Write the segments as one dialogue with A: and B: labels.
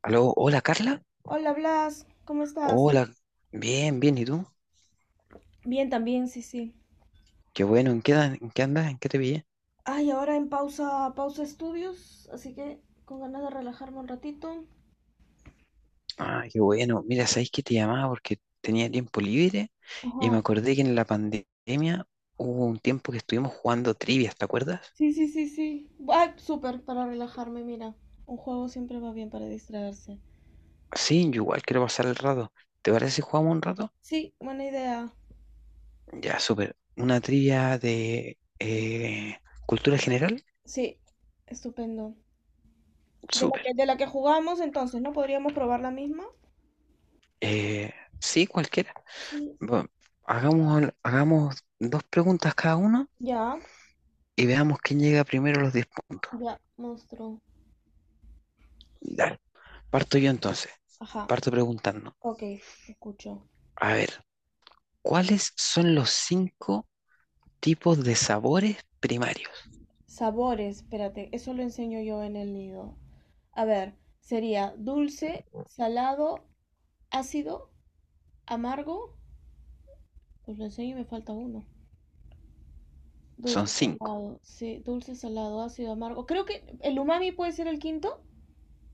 A: Aló, hola Carla.
B: Hola Blas, ¿cómo estás?
A: Hola, bien, bien, ¿y tú?
B: Bien, también, sí, sí.
A: Qué bueno, ¿en qué andas? ¿En qué te pillé?
B: Ay, ahora en pausa, pausa estudios, así que con ganas de relajarme un ratito.
A: Ah, qué bueno. Mira, ¿sabes que te llamaba? Porque tenía tiempo libre y me
B: Ajá.
A: acordé que en la pandemia hubo un tiempo que estuvimos jugando trivias, ¿te acuerdas?
B: Sí, sí, sí, sí. Ay, súper, para relajarme, mira. Un juego siempre va bien para distraerse.
A: Sí, yo igual quiero pasar el rato. ¿Te parece si jugamos un rato?
B: Sí, buena idea.
A: Ya, súper. Una trivia de cultura general,
B: Sí, estupendo. De la que,
A: súper.
B: de la que jugamos entonces, ¿no? ¿Podríamos probar la misma?
A: Eh, sí, cualquiera.
B: Sí.
A: Bueno, hagamos dos preguntas cada uno
B: Ya,
A: y veamos quién llega primero a los 10 puntos.
B: ya, monstruo.
A: Dale, parto yo entonces.
B: Ajá,
A: Parto preguntando.
B: ok, escucho.
A: A ver, ¿cuáles son los cinco tipos de sabores primarios?
B: Sabores, espérate, eso lo enseño yo en el nido. A ver, sería dulce, salado, ácido, amargo. Os lo enseño y me falta uno.
A: Son
B: Dulce,
A: cinco.
B: salado, sí, dulce, salado, ácido, amargo. Creo que el umami puede ser el quinto.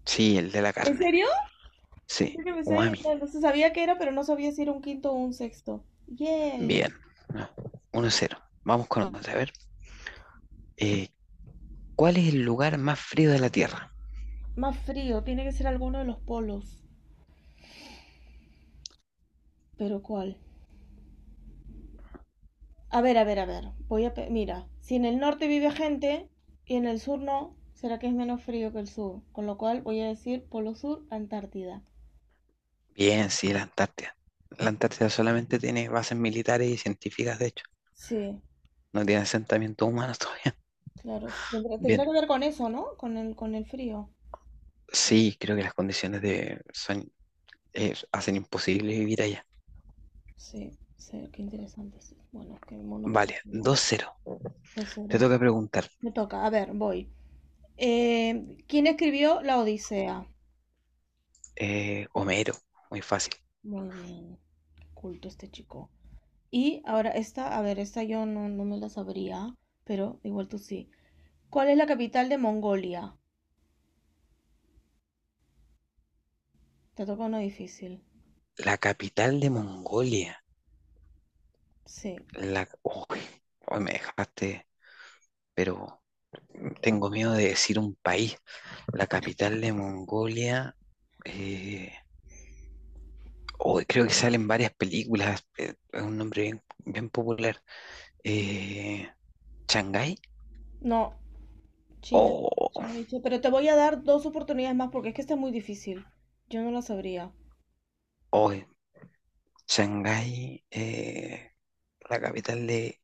A: Sí, el de la
B: ¿En
A: carne.
B: serio?
A: Sí,
B: Pensé que me estaba
A: umami.
B: inventando. Se sabía que era, pero no sabía si era un quinto o un sexto. Yay.
A: Bien. 1-0. Vamos con otra. A ver, eh, ¿cuál es el lugar más frío de la Tierra?
B: Más frío, tiene que ser alguno de los polos. ¿Pero cuál? A ver, a ver, a ver. Mira, si en el norte vive gente y en el sur no, será que es menos frío que el sur. Con lo cual voy a decir Polo Sur, Antártida.
A: Bien, sí, la Antártida. La Antártida solamente tiene bases militares y científicas, de hecho.
B: Sí,
A: No tiene asentamientos humanos todavía.
B: claro. Tendrá
A: Bien,
B: que ver con eso, ¿no? Con el frío.
A: sí, creo que las condiciones de, son hacen imposible vivir allá.
B: Sí, sí, qué interesante. Sí. Bueno, es que el mundo me
A: Vale,
B: fascina.
A: 2-0.
B: Entonces,
A: Te
B: cero.
A: toca preguntar,
B: Me toca. A ver, voy. ¿Quién escribió La Odisea?
A: Homero, muy fácil.
B: Muy bien. Qué culto este chico. Y ahora esta, a ver, esta yo no, no me la sabría, pero igual tú sí. ¿Cuál es la capital de Mongolia? Te toca uno difícil.
A: La capital de Mongolia.
B: Sí.
A: Uy, hoy me dejaste, pero tengo miedo de decir un país. La capital de Mongolia. eh, uy, creo que salen varias películas. Es un nombre bien, bien popular. Eh, ¿Shanghái?
B: No, China.
A: Oh,
B: Ya lo hice, pero te voy a dar dos oportunidades más porque es que está muy difícil. Yo no la sabría.
A: uy, Shanghái, la capital de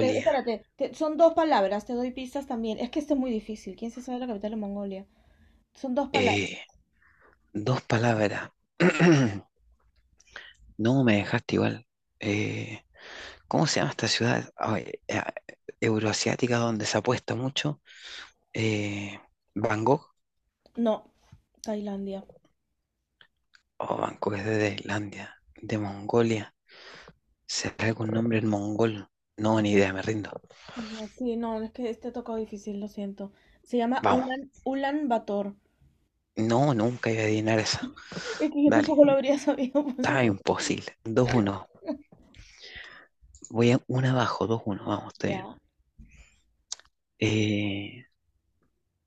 B: Espérate, son dos palabras, te doy pistas también. Es que está muy difícil. ¿Quién se sabe la capital de Mongolia? Son dos palabras.
A: Eh, Dos palabras. No, me dejaste igual. Eh, ¿cómo se llama esta ciudad? Ay, euroasiática donde se apuesta mucho. Eh, Bangkok.
B: No, Tailandia.
A: O Bangkok es de Tailandia, de Mongolia. ¿Será algún nombre en mongol? No, ni idea, me rindo.
B: No, sí, no, es que este tocó difícil, lo siento. Se llama
A: Vamos.
B: Ulan Bator.
A: No, nunca iba a adivinar esa.
B: Es que yo
A: Dale,
B: tampoco lo habría sabido, por eso
A: estaba
B: te-
A: imposible. 2-1. Voy a una abajo, 2-1. Vamos, estoy bien.
B: Ya,
A: Eh,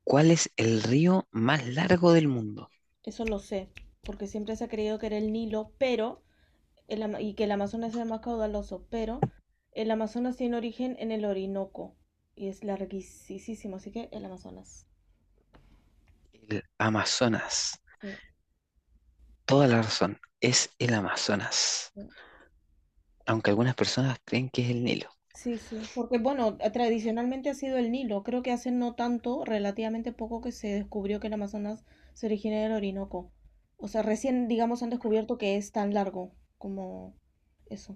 A: ¿cuál es el río más largo del mundo?
B: eso lo sé, porque siempre se ha creído que era el Nilo, pero y que el Amazonas sea más caudaloso, pero el Amazonas tiene origen en el Orinoco y es larguísimo, así que el Amazonas.
A: El Amazonas.
B: Sí,
A: Toda la razón. Es el Amazonas.
B: sí,
A: Aunque algunas personas creen que es el Nilo.
B: sí, sí, porque bueno, tradicionalmente ha sido el Nilo, creo que hace no tanto, relativamente poco que se descubrió que el Amazonas se origina del Orinoco. O sea, recién, digamos, han descubierto que es tan largo como eso,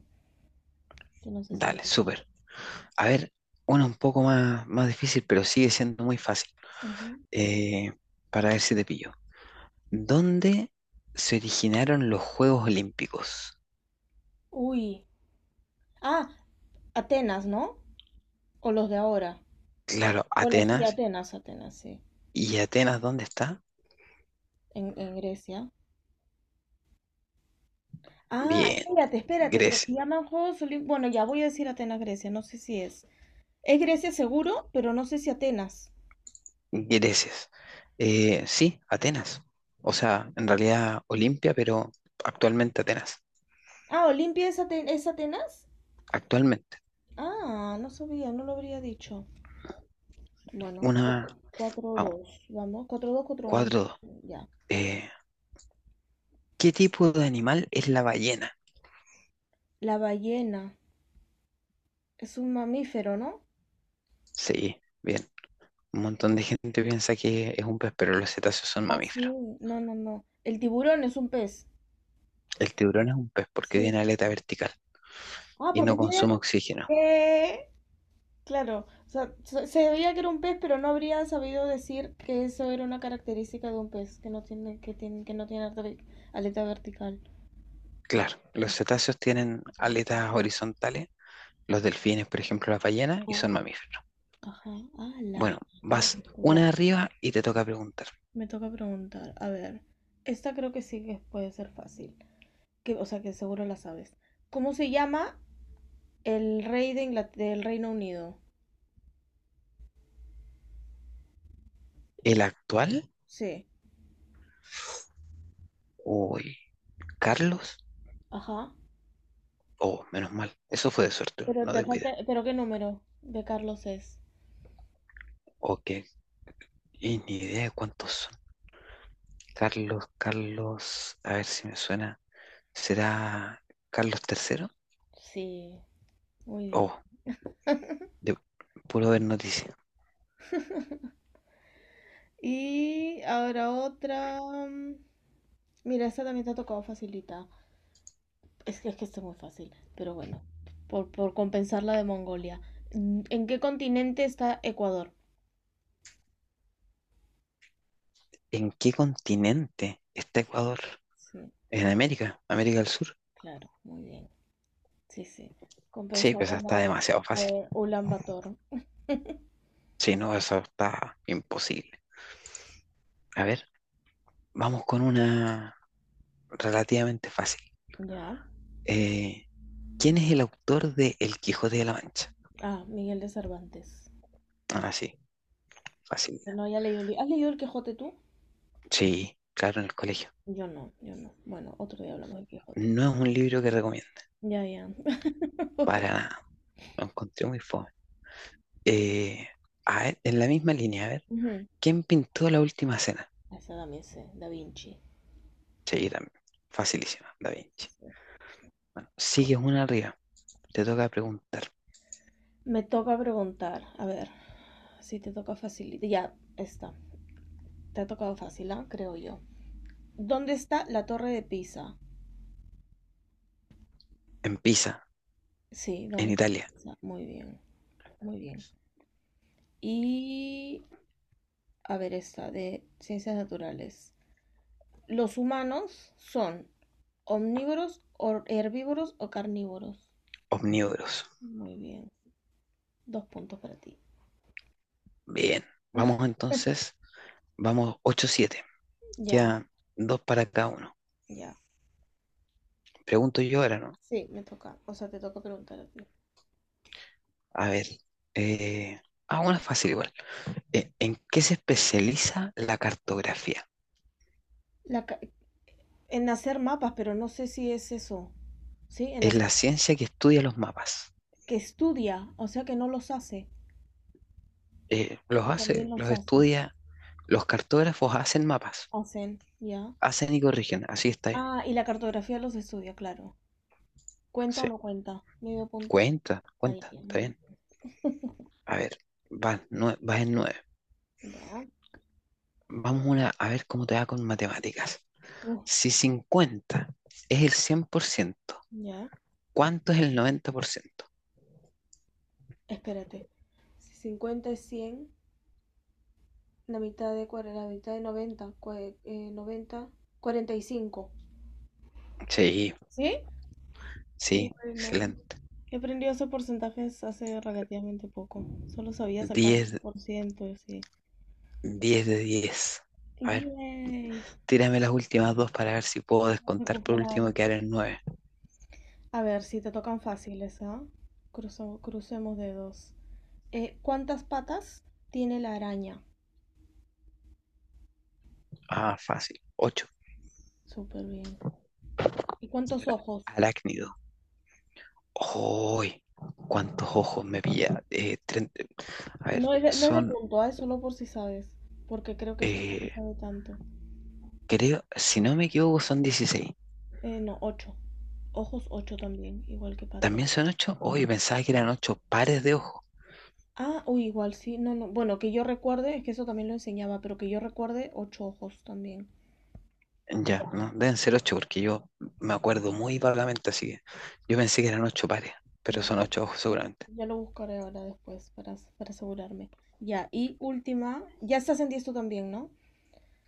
B: que no se sabía.
A: Dale, súper. A ver, una un poco más difícil, pero sigue siendo muy fácil.
B: Ujú.
A: Eh, para ver si te pillo. ¿Dónde se originaron los Juegos Olímpicos?
B: Uy, ah, Atenas, ¿no? O los de ahora.
A: Claro,
B: Bueno, sí,
A: Atenas.
B: Atenas, Atenas, sí.
A: ¿Y Atenas dónde está?
B: En Grecia. Ah,
A: Bien,
B: espérate, espérate, pero
A: Grecia.
B: se llaman Juegos Olímpicos. Bueno, ya voy a decir Atenas, Grecia, no sé si es. Es Grecia seguro, pero no sé si Atenas.
A: Grecia. Sí, Atenas. O sea, en realidad Olimpia, pero actualmente Atenas.
B: Ah, Olimpia es, es Atenas.
A: Actualmente.
B: Ah, no sabía, no lo habría dicho. Bueno,
A: Una,
B: cuatro
A: a
B: dos vamos, cuatro dos cuatro uno
A: 4-2.
B: ya.
A: Eh, ¿qué tipo de animal es la ballena?
B: La ballena es un mamífero, ¿no?
A: Sí, bien. Un montón de gente piensa que es un pez, pero los cetáceos son
B: Ah, sí,
A: mamíferos.
B: no, no, no. El tiburón es un pez.
A: El tiburón es un pez porque tiene
B: Sí.
A: aleta vertical
B: Ah,
A: y
B: porque
A: no
B: tiene...
A: consume oxígeno.
B: ¿Qué? Claro, o sea, se veía que era un pez, pero no habría sabido decir que eso era una característica de un pez, que no tiene aleta vertical.
A: Claro, los cetáceos tienen aletas horizontales, los delfines, por ejemplo, las ballenas, y
B: Ah,
A: son mamíferos.
B: ajá, ala,
A: Bueno,
B: qué
A: vas
B: bonito. Ya,
A: una arriba y te toca preguntar.
B: me toca preguntar. A ver, esta creo que sí que puede ser fácil. Que, o sea, que seguro la sabes. ¿Cómo se llama el rey de del Reino Unido?
A: ¿El actual?
B: Sí,
A: Uy, ¿Carlos?
B: ajá.
A: Oh, menos mal. Eso fue de suerte,
B: Pero
A: no
B: te
A: tengo
B: falta,
A: idea.
B: pero ¿qué número de Carlos es?
A: Ok, y ni idea de cuántos Carlos, a ver si me suena. ¿Será Carlos III?
B: Sí, muy bien.
A: Oh, de puro ver noticias.
B: Y ahora otra. mm, Mira, esta también te ha tocado facilita. Es que esta es muy fácil, pero bueno, por compensar la de Mongolia. ¿En qué continente está Ecuador?
A: ¿En qué continente está Ecuador?
B: Sí,
A: ¿En América? ¿América del Sur?
B: claro, muy bien. Sí, sí.
A: Sí,
B: Compensamos
A: pues esa está demasiado
B: la
A: fácil.
B: de Ulan Bator.
A: Sí, no, eso está imposible. A ver, vamos con una relativamente fácil.
B: Ya.
A: Eh, ¿quién es el autor de El Quijote de la Mancha?
B: Ah, Miguel de Cervantes.
A: Ah, sí, fácil.
B: Yo no, ya leí. ¿Has leído El Quijote tú?
A: Sí, claro, en el colegio.
B: Yo no, yo no. Bueno, otro día hablamos del Quijote.
A: No es un libro que recomiendo,
B: Ya, ya. Pobre.
A: para nada. Lo encontré muy fome. Eh, a ver, en la misma línea, a ver,
B: Ujú.
A: ¿quién pintó la última cena?
B: Esa también sé, Da Vinci.
A: Sí, también. Facilísima, Da
B: Sí, sí,
A: Vinci.
B: sí.
A: Bueno, sigues una arriba. Te toca preguntar.
B: Me toca preguntar, a ver, si te toca fácil. Ya está, te ha tocado fácil, ¿ah? Creo yo. ¿Dónde está la Torre de Pisa?
A: En Pisa,
B: Sí,
A: en
B: ¿dónde está la
A: Italia,
B: Pisa? Muy bien, muy bien. Y, a ver, esta de ciencias naturales. ¿Los humanos son omnívoros, herbívoros o carnívoros?
A: omnívoros.
B: Muy bien, dos puntos para ti.
A: Bien. Vamos entonces, vamos 8-7.
B: Ya,
A: Quedan dos para cada uno.
B: ya.
A: Pregunto yo ahora, ¿no?
B: Sí, me toca, o sea, te toca preguntar a ti.
A: A ver. eh, ah, una fácil igual. ¿En qué se especializa la cartografía?
B: La, ca- En hacer mapas, pero no sé si es eso. Sí, en
A: Es
B: hacer,
A: la ciencia que estudia los mapas.
B: que estudia, o sea que no los hace,
A: Los
B: o también
A: hace,
B: los
A: los
B: hace.
A: estudia. Los cartógrafos hacen mapas,
B: Hacen, ya.
A: hacen y corrigen, así está bien.
B: Ah, y la cartografía los estudia, claro. ¿Cuenta o
A: Sí,
B: no cuenta? Medio punto.
A: cuenta,
B: Ahí,
A: cuenta,
B: ya,
A: está
B: muy
A: bien. A ver, vas en nueve.
B: bien. Ya.
A: Vamos una, a ver cómo te va con matemáticas.
B: Uf,
A: Si 50 es el 100%,
B: ya.
A: ¿cuánto es el 90%?
B: Espérate. Si 50 es cien, la mitad de cuál, la mitad de noventa, noventa, 45.
A: Sí,
B: ¿Sí? Qué
A: sí,
B: buena.
A: excelente.
B: He aprendido esos porcentajes hace relativamente poco. Solo sabía sacar
A: 10,
B: un por ciento, así.
A: 10 de 10. A ver,
B: ¡Yay!
A: tírame las últimas dos para ver si puedo
B: A
A: descontar por
B: recuperar.
A: último y quedar en nueve.
B: A ver, si te tocan fáciles, ¿ah? Crucemos dedos. ¿Cuántas patas tiene la araña?
A: Ah, fácil. 8.
B: Súper bien. ¿Y cuántos ojos?
A: Arácnido. ¡Uy! ¿Cuántos ojos me pilla? 30. A ver,
B: No es de, no es de punto, ¿ah? Es solo por si sabes. Porque creo que esto no se
A: eh,
B: sabe tanto.
A: creo, si no me equivoco, son 16.
B: No, ocho. Ojos ocho también, igual que patas.
A: ¿También son 8. Uy, pensaba que eran 8 pares de ojos.
B: Ah, uy, igual sí, no, no. Bueno, que yo recuerde, es que eso también lo enseñaba, pero que yo recuerde, ocho ojos también.
A: Ya,
B: Ya.
A: no, deben ser 8 porque yo me acuerdo muy vagamente, así que yo pensé que eran 8 pares, pero
B: Bu-
A: son
B: bu-
A: 8 ojos seguramente.
B: Ya lo buscaré ahora después para asegurarme. Ya, y última, ya estás en 10 tú también, ¿no?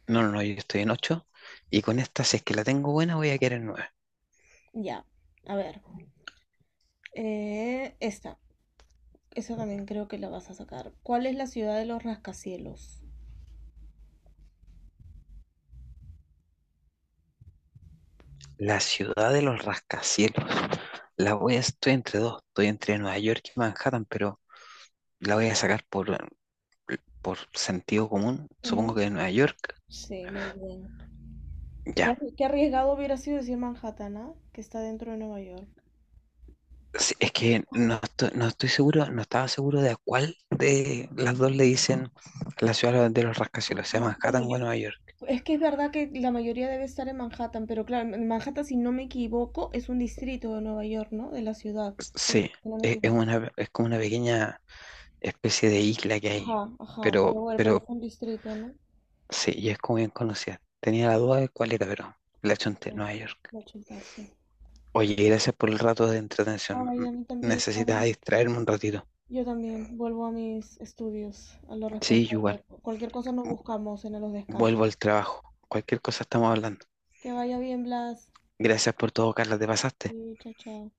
A: No, no, no, yo estoy en ocho y con esta, si es que la tengo buena, voy a quedar en 9.
B: Ya, a ver. Esta, esa también creo que la vas a sacar. ¿Cuál es la ciudad de los rascacielos?
A: La ciudad de los rascacielos. Estoy entre dos, estoy entre Nueva York y Manhattan, pero la voy a sacar por sentido común, supongo
B: Ujú.
A: que de Nueva York,
B: Sí, muy bien. Qué,
A: ya.
B: qué arriesgado hubiera sido decir Manhattan, ¿ah? Que está dentro de Nueva York.
A: Sí, es que no estoy seguro, no estaba seguro de a cuál de las dos le dicen la ciudad de los
B: Sí,
A: rascacielos, sea
B: no, bueno,
A: Manhattan
B: yo,
A: o Nueva York.
B: es que es verdad que la mayoría debe estar en Manhattan, pero claro, en Manhattan, si no me equivoco, es un distrito de Nueva York, ¿no? De la ciudad, pero-
A: Sí,
B: si no me
A: es, es
B: equivoco.
A: una, es como una pequeña especie de isla que hay,
B: Ajá, ajá, pero
A: pero,
B: bueno, pero es
A: pero
B: un distrito, ¿no?
A: sí, y es como bien conocida. Tenía la duda de cuál era, pero la chunté,
B: Bien,
A: Nueva York.
B: lo chuntaste.
A: Oye, gracias por el rato de entretención.
B: Ay, a mí también,
A: Necesitas
B: ahora
A: distraerme un ratito.
B: yo también vuelvo a mis estudios, a lo
A: Sí, igual.
B: responsable. Cualquier cosa nos buscamos en los descansos.
A: Vuelvo al trabajo. Cualquier cosa estamos hablando.
B: Que vaya bien, Blas.
A: Gracias por todo, Carla, te pasaste.
B: Y chao, chao.